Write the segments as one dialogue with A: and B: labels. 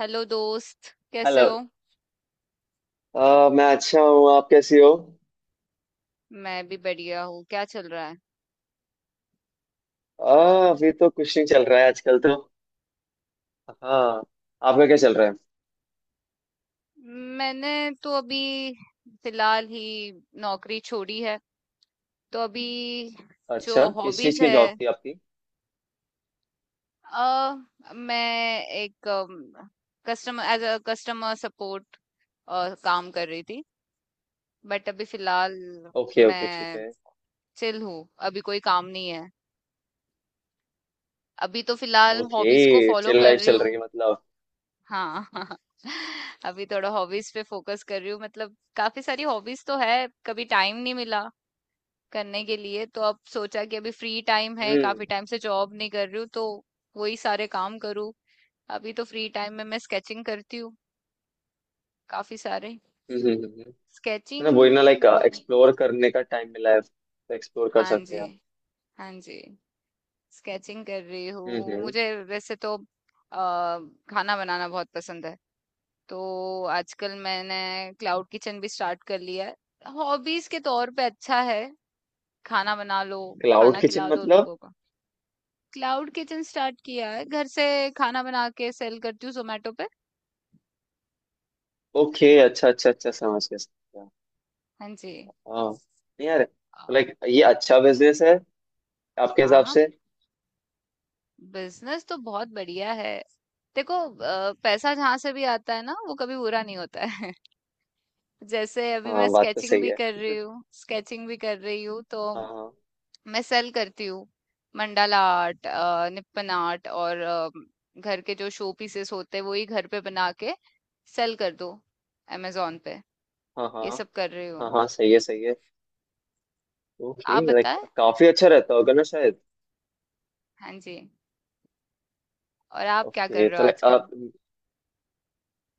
A: Hello दोस्त, कैसे
B: hello.
A: हो।
B: मैं अच्छा हूँ। आप कैसी हो?
A: मैं भी बढ़िया हूँ, क्या चल रहा है।
B: अ, अभी तो कुछ नहीं चल रहा है आजकल तो। हाँ। आपका क्या चल रहा है?
A: मैंने तो अभी फिलहाल ही नौकरी छोड़ी है, तो अभी
B: अच्छा,
A: जो
B: किस चीज़
A: हॉबीज
B: की
A: है
B: जॉब थी आपकी?
A: मैं एक कस्टमर, एज अ कस्टमर सपोर्ट काम कर रही थी बट अभी फिलहाल
B: ओके ओके, ठीक
A: मैं
B: है।
A: चिल हूँ, अभी कोई काम नहीं है। अभी तो फिलहाल हॉबीज को
B: ओके,
A: फॉलो
B: चिल
A: कर
B: लाइफ
A: रही
B: चल रही
A: हूँ।
B: है मतलब।
A: हाँ अभी थोड़ा हॉबीज पे फोकस कर रही हूँ, मतलब काफी सारी हॉबीज तो है कभी टाइम नहीं मिला करने के लिए, तो अब सोचा कि अभी फ्री टाइम है, काफी
B: हम्म।
A: टाइम से जॉब नहीं कर रही हूँ तो वही सारे काम करूँ। अभी तो फ्री टाइम में मैं स्केचिंग करती हूँ, काफी सारे
B: हम्म, हम्म, हम्म। ना वही ना, लाइक
A: स्केचिंग।
B: एक्सप्लोर करने का टाइम मिला है तो एक्सप्लोर कर
A: हाँ
B: सकते
A: जी,
B: हैं आप।
A: हाँ जी, स्केचिंग कर रही हूँ।
B: हम्म।
A: मुझे वैसे तो खाना बनाना बहुत पसंद है, तो आजकल मैंने क्लाउड किचन भी स्टार्ट कर लिया है हॉबीज के तौर पे। अच्छा है, खाना बना लो,
B: क्लाउड
A: खाना
B: किचन
A: खिला दो
B: मतलब?
A: लोगों को। क्लाउड किचन स्टार्ट किया है घर से, खाना बना के सेल करती हूँ जोमेटो पे।
B: ओके, अच्छा अच्छा अच्छा, समझ गया समझ गया।
A: हाँ जी।
B: हाँ। नहीं यार,
A: अ,
B: लाइक ये अच्छा बिजनेस है आपके हिसाब
A: हाँ,
B: से?
A: बिजनेस तो बहुत बढ़िया है। देखो, पैसा जहाँ से भी आता है ना, वो कभी बुरा नहीं होता है। जैसे अभी मैं
B: हाँ, बात तो सही है।
A: स्केचिंग भी कर रही हूँ तो
B: हाँ हाँ।
A: मैं सेल करती हूँ मंडाला आर्ट, निपन आर्ट, और घर के जो शो पीसेस होते हैं वो ही घर पे बना के सेल कर दो अमेजोन पे।
B: हाँ हाँ।
A: ये सब कर रही
B: हाँ
A: हूँ।
B: हाँ, सही है सही है।
A: आप
B: ओके लाइक,
A: बताएं,
B: काफी अच्छा रहता होगा ना शायद।
A: हाँ जी, और आप क्या कर
B: ओके
A: रहे
B: तो
A: हो
B: लाइक
A: आजकल।
B: आप,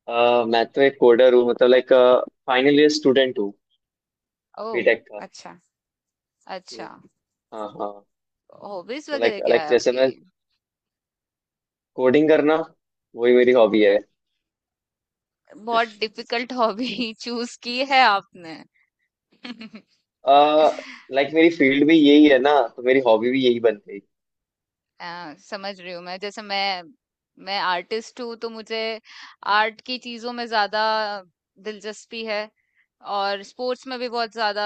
B: मैं तो एक कोडर हूँ, मतलब लाइक फाइनल ईयर स्टूडेंट हूँ
A: ओह,
B: बीटेक का।
A: अच्छा,
B: ये,
A: अच्छा।
B: हाँ हाँ।
A: हॉबीज
B: तो लाइक
A: वगैरह क्या
B: लाइक
A: है
B: जैसे
A: आपकी।
B: मैं कोडिंग करना, वही मेरी हॉबी है।
A: बहुत डिफिकल्ट हॉबी चूज की है आपने।
B: लाइक मेरी फील्ड भी यही है ना, तो मेरी हॉबी भी यही बन गई।
A: समझ रही हूँ मैं। जैसे मैं आर्टिस्ट हूँ तो मुझे आर्ट की चीज़ों में ज़्यादा दिलचस्पी है, और स्पोर्ट्स में भी बहुत ज़्यादा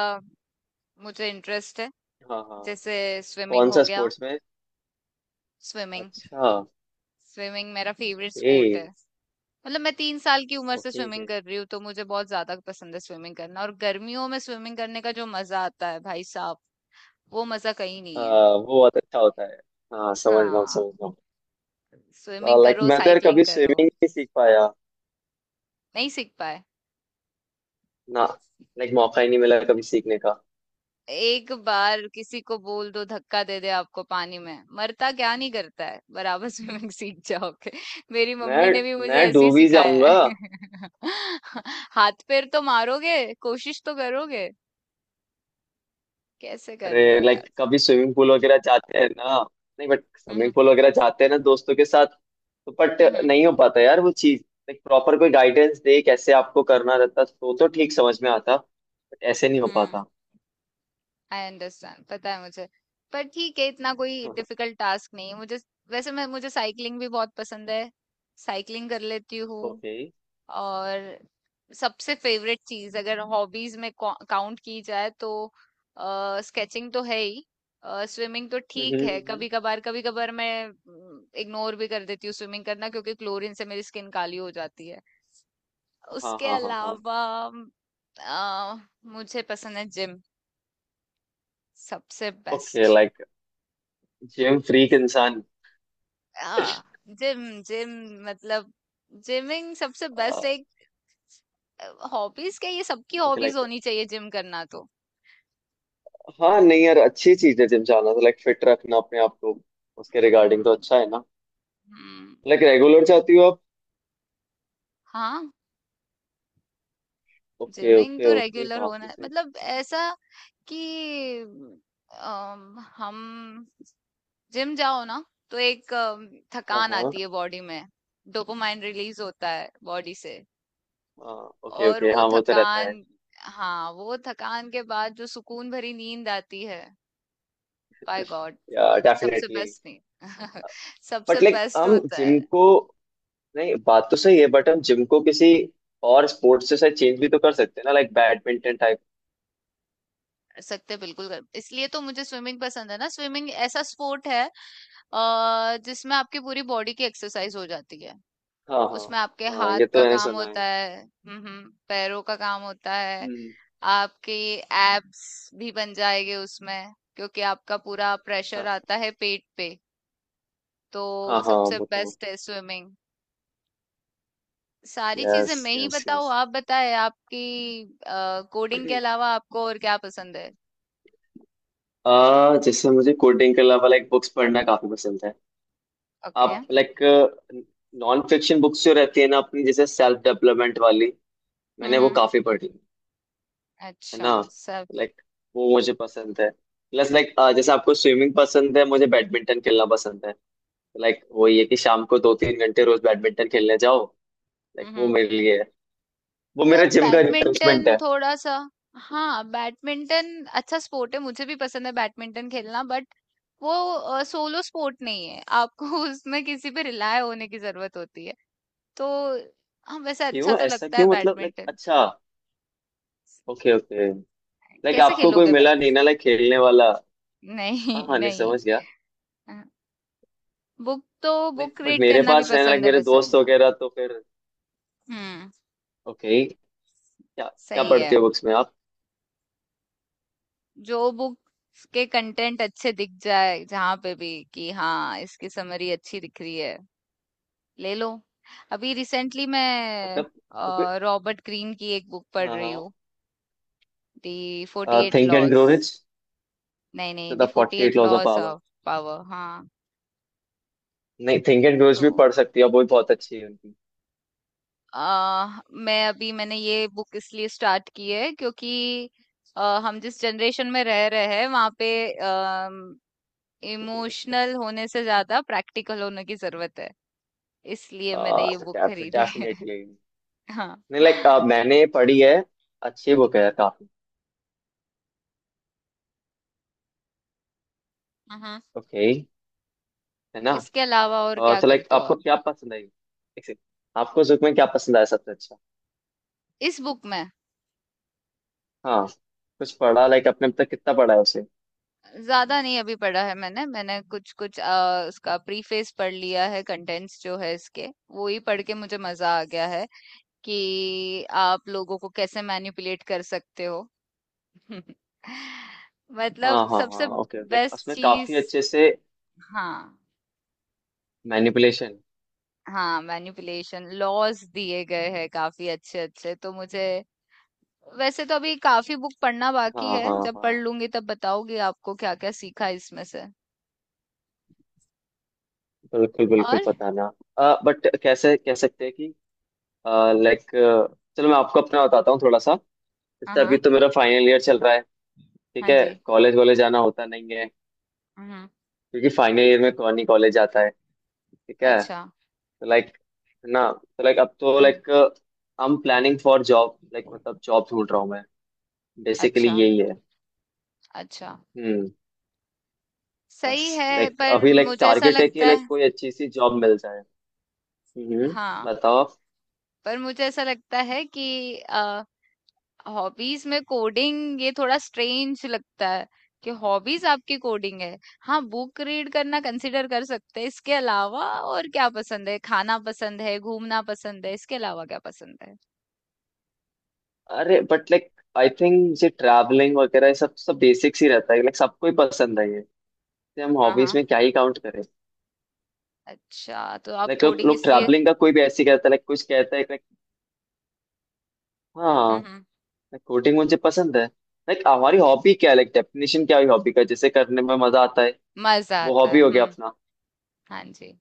A: मुझे इंटरेस्ट है।
B: हाँ हाँ।
A: जैसे स्विमिंग
B: कौन
A: हो
B: सा
A: गया,
B: स्पोर्ट्स में?
A: स्विमिंग।
B: अच्छा।
A: स्विमिंग मेरा फेवरेट
B: ओके
A: स्पोर्ट है। मतलब मैं 3 साल की उम्र से
B: ओके ओके।
A: स्विमिंग कर रही हूँ, तो मुझे बहुत ज़्यादा पसंद है स्विमिंग करना, और गर्मियों में स्विमिंग करने का जो मज़ा आता है भाई साहब, वो मज़ा कहीं नहीं है।
B: वो बहुत अच्छा होता है। हाँ, समझ रहा हूँ
A: हाँ,
B: समझ रहा
A: स्विमिंग
B: हूँ। लाइक
A: करो,
B: मैं तो यार
A: साइकिलिंग
B: कभी
A: करो।
B: स्विमिंग नहीं सीख पाया।
A: नहीं सीख पाए।
B: ना, लाइक मौका ही नहीं मिला कभी सीखने का।
A: एक बार किसी को बोल दो धक्का दे दे आपको पानी में, मरता क्या नहीं करता है, बराबर स्विमिंग सीख जाओगे। मेरी
B: मैं
A: मम्मी ने भी मुझे
B: मैं
A: ऐसे ही
B: डूब ही
A: सिखाया
B: जाऊंगा।
A: है। हाथ पैर तो मारोगे, कोशिश तो करोगे। कैसे कर रहे हो
B: अरे,
A: यार।
B: लाइक कभी स्विमिंग पूल वगैरह जाते हैं ना। नहीं बट स्विमिंग
A: हम्म,
B: पूल वगैरह जाते हैं ना दोस्तों के साथ, तो बट
A: हम्म,
B: नहीं हो पाता यार वो चीज। लाइक प्रॉपर कोई गाइडेंस दे कैसे आपको करना रहता तो ठीक समझ में आता, बट ऐसे नहीं हो
A: हम्म।
B: पाता।
A: आई अंडरस्टैंड, पता है मुझे, पर ठीक है, इतना कोई डिफिकल्ट टास्क नहीं है मुझे। वैसे मैं मुझे साइकिलिंग भी बहुत पसंद है, साइकिलिंग कर लेती हूँ।
B: ओके।
A: और सबसे फेवरेट चीज अगर हॉबीज में काउंट की जाए तो स्केचिंग तो है ही। स्विमिंग तो
B: हम्म
A: ठीक है,
B: हम्म,
A: कभी कभार कभी कभार मैं इग्नोर भी कर देती हूँ स्विमिंग करना क्योंकि क्लोरीन से मेरी स्किन काली हो जाती है।
B: हाँ
A: उसके
B: हाँ हाँ हाँ।
A: अलावा अ, मुझे पसंद है जिम, सबसे
B: okay
A: best.
B: Like, gym freak इंसान।
A: आ, जिम जिम मतलब जिमिंग सबसे बेस्ट एक, हॉबीज क्या, ये सबकी
B: ओके
A: हॉबीज
B: लाइक,
A: होनी चाहिए जिम करना तो।
B: हाँ नहीं यार, अच्छी चीज है जिम जाना, तो लाइक फिट रखना अपने आप को, उसके रिगार्डिंग तो
A: हम्म,
B: अच्छा है ना।
A: हुँ।
B: लाइक रेगुलर जाती हो आप?
A: हाँ,
B: ओके
A: जिमिंग
B: ओके
A: तो
B: ओके,
A: रेगुलर होना
B: काफी सही।
A: मतलब ऐसा कि अम, हम जिम जाओ ना, तो एक
B: हाँ
A: थकान
B: हाँ।
A: आती है बॉडी में, डोपामाइन रिलीज़ होता है बॉडी से,
B: ओके
A: और
B: ओके,
A: वो
B: हाँ वो तो रहता है।
A: थकान, हाँ, वो थकान के बाद जो सुकून भरी नींद आती है, बाय गॉड,
B: या
A: सबसे
B: डेफिनेटली।
A: बेस्ट नींद। सबसे
B: बट लाइक
A: बेस्ट
B: हम
A: होता है।
B: जिम को, नहीं बात तो सही है बट हम जिम को किसी और स्पोर्ट्स से शायद चेंज भी तो कर सकते हैं ना, लाइक बैडमिंटन टाइप।
A: सकते हैं बिल्कुल कर, इसलिए तो मुझे स्विमिंग पसंद है ना। स्विमिंग ऐसा स्पोर्ट है जिसमें आपकी पूरी बॉडी की एक्सरसाइज हो जाती है,
B: हाँ हाँ।
A: उसमें आपके
B: हाँ
A: हाथ
B: ये तो
A: का
B: मैंने
A: काम
B: सुना है।
A: होता है, पैरों का काम होता है,
B: हम्म।
A: आपके एब्स भी बन जाएंगे उसमें, क्योंकि आपका पूरा प्रेशर
B: हाँ
A: आता है पेट पे,
B: हाँ
A: तो
B: हाँ,
A: सबसे
B: वो तो।
A: बेस्ट है स्विमिंग। सारी चीजें
B: यस
A: मैं ही
B: यस यस।
A: बताऊँ, आप बताएं आपकी, कोडिंग के अलावा आपको और क्या पसंद है।
B: जैसे मुझे कोडिंग के अलावा लाइक बुक्स पढ़ना काफी पसंद है।
A: ओके।
B: आप लाइक नॉन फिक्शन बुक्स जो रहती है ना अपनी, जैसे सेल्फ डेवलपमेंट वाली,
A: हम्म,
B: मैंने वो
A: हम्म।
B: काफी पढ़ी है
A: अच्छा।
B: ना,
A: सब।
B: लाइक वो मुझे पसंद है। प्लस लाइक, जैसे आपको स्विमिंग पसंद है, मुझे बैडमिंटन खेलना पसंद है। लाइक वही है कि शाम को 2-3 घंटे रोज बैडमिंटन खेलने जाओ। लाइक वो
A: हम्म।
B: मेरे लिए है, वो मेरा
A: यार
B: जिम का रिप्लेसमेंट
A: बैडमिंटन
B: है।
A: थोड़ा सा, हाँ बैडमिंटन अच्छा स्पोर्ट है, मुझे भी पसंद है बैडमिंटन खेलना, बट वो सोलो स्पोर्ट नहीं है आपको। उसमें किसी पे रिलाय होने की जरूरत होती है, तो हाँ वैसे अच्छा
B: क्यों?
A: तो
B: ऐसा
A: लगता है
B: क्यों मतलब, लाइक
A: बैडमिंटन।
B: अच्छा, ओके ओके। लाइक
A: कैसे
B: आपको कोई
A: खेलोगे
B: मिला नहीं
A: बैडमिंटन।
B: ना लाइक खेलने वाला? हाँ
A: नहीं
B: हाँ, नहीं
A: नहीं।
B: समझ गया।
A: बुक तो,
B: नहीं
A: बुक
B: बट
A: रीड
B: मेरे
A: करना भी
B: पास है लाइक
A: पसंद है
B: मेरे
A: वैसे
B: दोस्त
A: मेरा।
B: वगैरह, तो फिर।
A: हम्म।
B: ओके। क्या क्या
A: सही है,
B: पढ़ते हो बुक्स में आप,
A: जो बुक्स के कंटेंट अच्छे दिख जाए जहां पे भी कि हाँ इसकी समरी अच्छी दिख रही है, ले लो। अभी रिसेंटली मैं
B: मतलब? तो कोई-
A: रॉबर्ट ग्रीन की एक बुक पढ़ रही
B: हाँ
A: हूँ, दी फोर्टी
B: हाँ,
A: eight
B: think and
A: laws.
B: Grow rich.
A: नहीं नहीं, the
B: the
A: forty
B: 48
A: eight
B: laws of
A: laws
B: power.
A: Of power. हाँ
B: नहीं, थिंक एंड ग्रो रिच
A: तो
B: भी पढ़ सकती हो, वो भी बहुत अच्छी है उनकी।
A: मैंने ये बुक इसलिए स्टार्ट की है क्योंकि हम जिस जनरेशन में रह रहे हैं वहां पे इमोशनल होने से ज्यादा प्रैक्टिकल होने की जरूरत है, इसलिए मैंने ये बुक खरीदी है।
B: डेफिनेटली।
A: हाँ।
B: नहीं लाइक मैंने पढ़ी है, अच्छी बुक है काफी।
A: हम्म।
B: ओके। है ना?
A: इसके अलावा और क्या
B: तो लाइक
A: करते हो
B: आपको
A: आप।
B: क्या पसंद आई? एक second, आपको उस book में क्या पसंद आया सबसे अच्छा?
A: इस बुक में,
B: हाँ, कुछ पढ़ा लाइक आपने, अब तक कितना पढ़ा है उसे?
A: ज्यादा नहीं अभी पढ़ा है मैंने मैंने कुछ कुछ उसका प्रीफेस पढ़ लिया है, कंटेंट्स जो है इसके वो ही पढ़ के मुझे मजा आ गया है कि आप लोगों को कैसे मैनिपुलेट कर सकते हो।
B: हाँ
A: मतलब
B: हाँ हाँ,
A: सबसे
B: ओके लाइक
A: बेस्ट
B: उसमें काफी
A: चीज,
B: अच्छे से
A: हाँ।
B: मैनिपुलेशन।
A: हाँ मैनिपुलेशन लॉज दिए गए हैं काफी अच्छे अच्छे, तो मुझे वैसे तो अभी काफी बुक पढ़ना बाकी
B: हाँ
A: है,
B: हाँ
A: जब पढ़
B: हाँ,
A: लूंगी तब बताओगी आपको क्या क्या सीखा इसमें से,
B: बिल्कुल बिल्कुल
A: और
B: बताना। बट कैसे कह सकते हैं कि, लाइक, चलो मैं आपको अपना बताता हूँ थोड़ा सा।
A: हाँ,
B: जैसे अभी
A: हाँ।
B: तो मेरा फाइनल ईयर चल रहा है, ठीक
A: हाँ
B: है।
A: जी।
B: कॉलेज वॉलेज जाना होता नहीं है,
A: हम्म।
B: क्योंकि फाइनल ईयर में कौन ही कॉलेज जाता है, ठीक है।
A: अच्छा।
B: तो लाइक ना, तो लाइक अब तो
A: हम्म।
B: Like I am planning for job, like मतलब जॉब ढूंढ रहा हूँ मैं, बेसिकली
A: अच्छा,
B: यही है।
A: अच्छा।
B: हम्म, बस।
A: सही है,
B: लाइक
A: पर
B: अभी लाइक
A: मुझे ऐसा
B: टारगेट है कि
A: लगता
B: लाइक
A: है,
B: कोई अच्छी सी जॉब मिल जाए। हम्म।
A: हाँ
B: बताओ।
A: पर मुझे ऐसा लगता है कि हॉबीज में कोडिंग ये थोड़ा स्ट्रेंज लगता है, कि हॉबीज आपकी कोडिंग है। हाँ, बुक रीड करना कंसिडर कर सकते हैं, इसके अलावा और क्या पसंद है, खाना पसंद है, घूमना पसंद है, इसके अलावा क्या पसंद है।
B: अरे बट लाइक, आई थिंक ये ट्रैवलिंग वगैरह ये सब सब बेसिक्स ही रहता है, लाइक सबको ही पसंद है ये, तो हम
A: हाँ,
B: हॉबीज
A: हाँ।
B: में क्या ही काउंट करें।
A: अच्छा, तो आप
B: लाइक लोग
A: कोडिंग
B: लोग
A: इसलिए।
B: ट्रैवलिंग का कोई भी ऐसे कहता है, लाइक कुछ कहता है, लाइक, हाँ।
A: हुँ, हुँ।
B: लाइक कोडिंग मुझे पसंद है। लाइक हमारी हॉबी क्या है, लाइक डेफिनेशन क्या है हॉबी का, जैसे करने में मजा आता है,
A: मज़ा
B: वो
A: आता
B: हॉबी
A: है।
B: हो गया
A: हुँ,
B: अपना।
A: हाँ जी।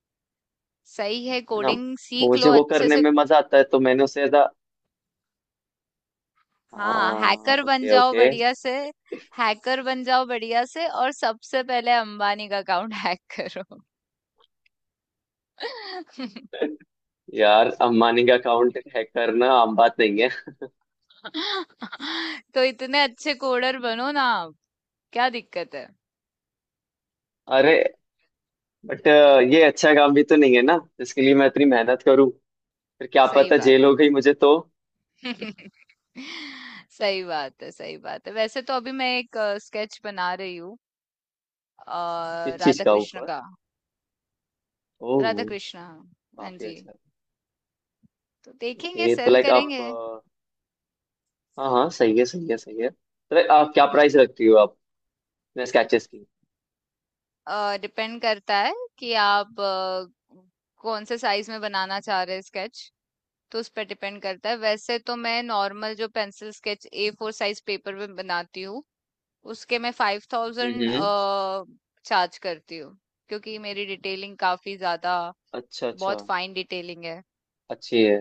A: सही है,
B: है ना,
A: कोडिंग सीख लो
B: मुझे वो
A: अच्छे
B: करने
A: से।
B: में मजा आता है तो मैंने उसे ज्यादा।
A: हाँ,
B: हाँ
A: हैकर बन
B: ओके
A: जाओ
B: ओके।
A: बढ़िया से, हैकर बन जाओ बढ़िया से और सबसे पहले अंबानी का अकाउंट हैक करो।
B: यार, अम्बानी का अकाउंट हैक करना आम बात नहीं है।
A: तो इतने अच्छे कोडर बनो ना आप, क्या दिक्कत है?
B: अरे बट ये अच्छा काम भी तो नहीं है ना जिसके लिए मैं इतनी मेहनत करूं, फिर क्या
A: सही
B: पता
A: बात
B: जेल
A: है।
B: हो गई मुझे तो।
A: सही बात है, सही बात है। वैसे तो अभी मैं एक स्केच बना रही हूँ,
B: इस चीज
A: राधा
B: का
A: कृष्ण
B: ऊपर।
A: का।
B: ओह।
A: राधा कृष्ण, हाँ। हाँ
B: काफी
A: जी,
B: अच्छा।
A: तो देखेंगे,
B: ओके तो
A: सेल
B: लाइक आप,
A: करेंगे।
B: हाँ हाँ, सही है सही है सही है। तो लाइक आप क्या प्राइस रखती हो आप, स्केचेस की?
A: डिपेंड करता है कि आप कौन से साइज में बनाना चाह रहे हैं स्केच, तो उस पर डिपेंड करता है। वैसे तो मैं नॉर्मल जो pencil sketch A four size paper में बनाती हूँ उसके मैं 5,000
B: हम्म।
A: चार्ज करती हूँ, क्योंकि मेरी डिटेलिंग काफी ज्यादा,
B: अच्छा
A: बहुत
B: अच्छा।
A: फाइन डिटेलिंग है।
B: अच्छी है।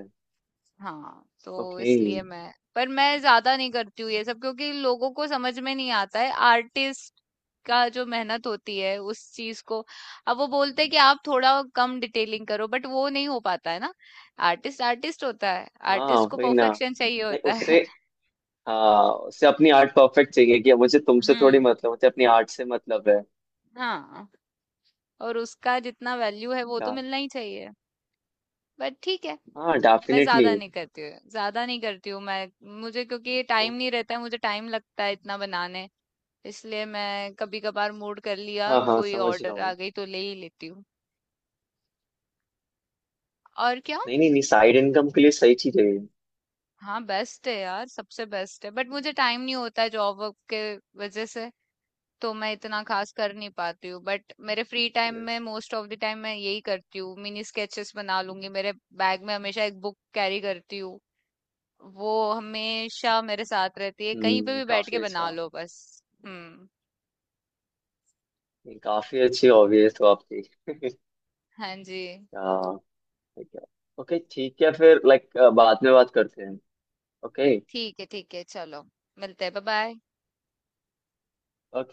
A: हाँ, तो
B: ओके।
A: इसलिए मैं पर मैं ज्यादा नहीं करती हूँ ये सब, क्योंकि लोगों को समझ में नहीं आता है आर्टिस्ट का जो मेहनत होती है उस चीज को। अब वो बोलते हैं कि आप थोड़ा कम डिटेलिंग करो, बट वो नहीं हो पाता है ना, आर्टिस्ट आर्टिस्ट होता है,
B: हाँ
A: आर्टिस्ट को
B: वही ना।
A: परफेक्शन चाहिए
B: लाइक
A: होता
B: उससे,
A: है।
B: हाँ उससे अपनी आर्ट परफेक्ट चाहिए कि मुझे तुमसे थोड़ी,
A: हम्म,
B: मतलब मुझे अपनी आर्ट से मतलब है।
A: हाँ, और उसका जितना वैल्यू है वो तो
B: क्या?
A: मिलना ही चाहिए। बट ठीक है,
B: हाँ
A: मैं
B: डेफिनेटली।
A: ज्यादा नहीं करती हूँ ज्यादा नहीं करती हूँ मैं, मुझे क्योंकि टाइम नहीं रहता है, मुझे टाइम लगता है इतना बनाने, इसलिए मैं कभी कभार मूड कर लिया
B: हाँ हाँ,
A: कोई
B: समझ रहा
A: ऑर्डर आ
B: हूँ।
A: गई तो ले ही लेती हूँ। और क्या,
B: नहीं नहीं नहीं, साइड इनकम के लिए सही चीज है।
A: हाँ बेस्ट है यार, सबसे बेस्ट है, बट मुझे टाइम नहीं होता है जॉब वर्क के वजह से, तो मैं इतना खास कर नहीं पाती हूँ, बट मेरे फ्री टाइम
B: यस।
A: में मोस्ट ऑफ द टाइम मैं यही करती हूँ। मिनी स्केचेस बना लूंगी, मेरे बैग में हमेशा एक बुक कैरी करती हूँ, वो हमेशा मेरे साथ रहती है, कहीं पे
B: हम्म,
A: भी बैठ
B: काफी
A: के बना
B: अच्छा।
A: लो बस। हम्म।
B: नहीं, काफी अच्छी हॉबी है तो आपकी।
A: हाँ जी।
B: हाँ। ओके ठीक है फिर, लाइक बाद में बात करते हैं। ओके।
A: ठीक है, ठीक है, चलो मिलते हैं, बाय बाय।
B: ओके।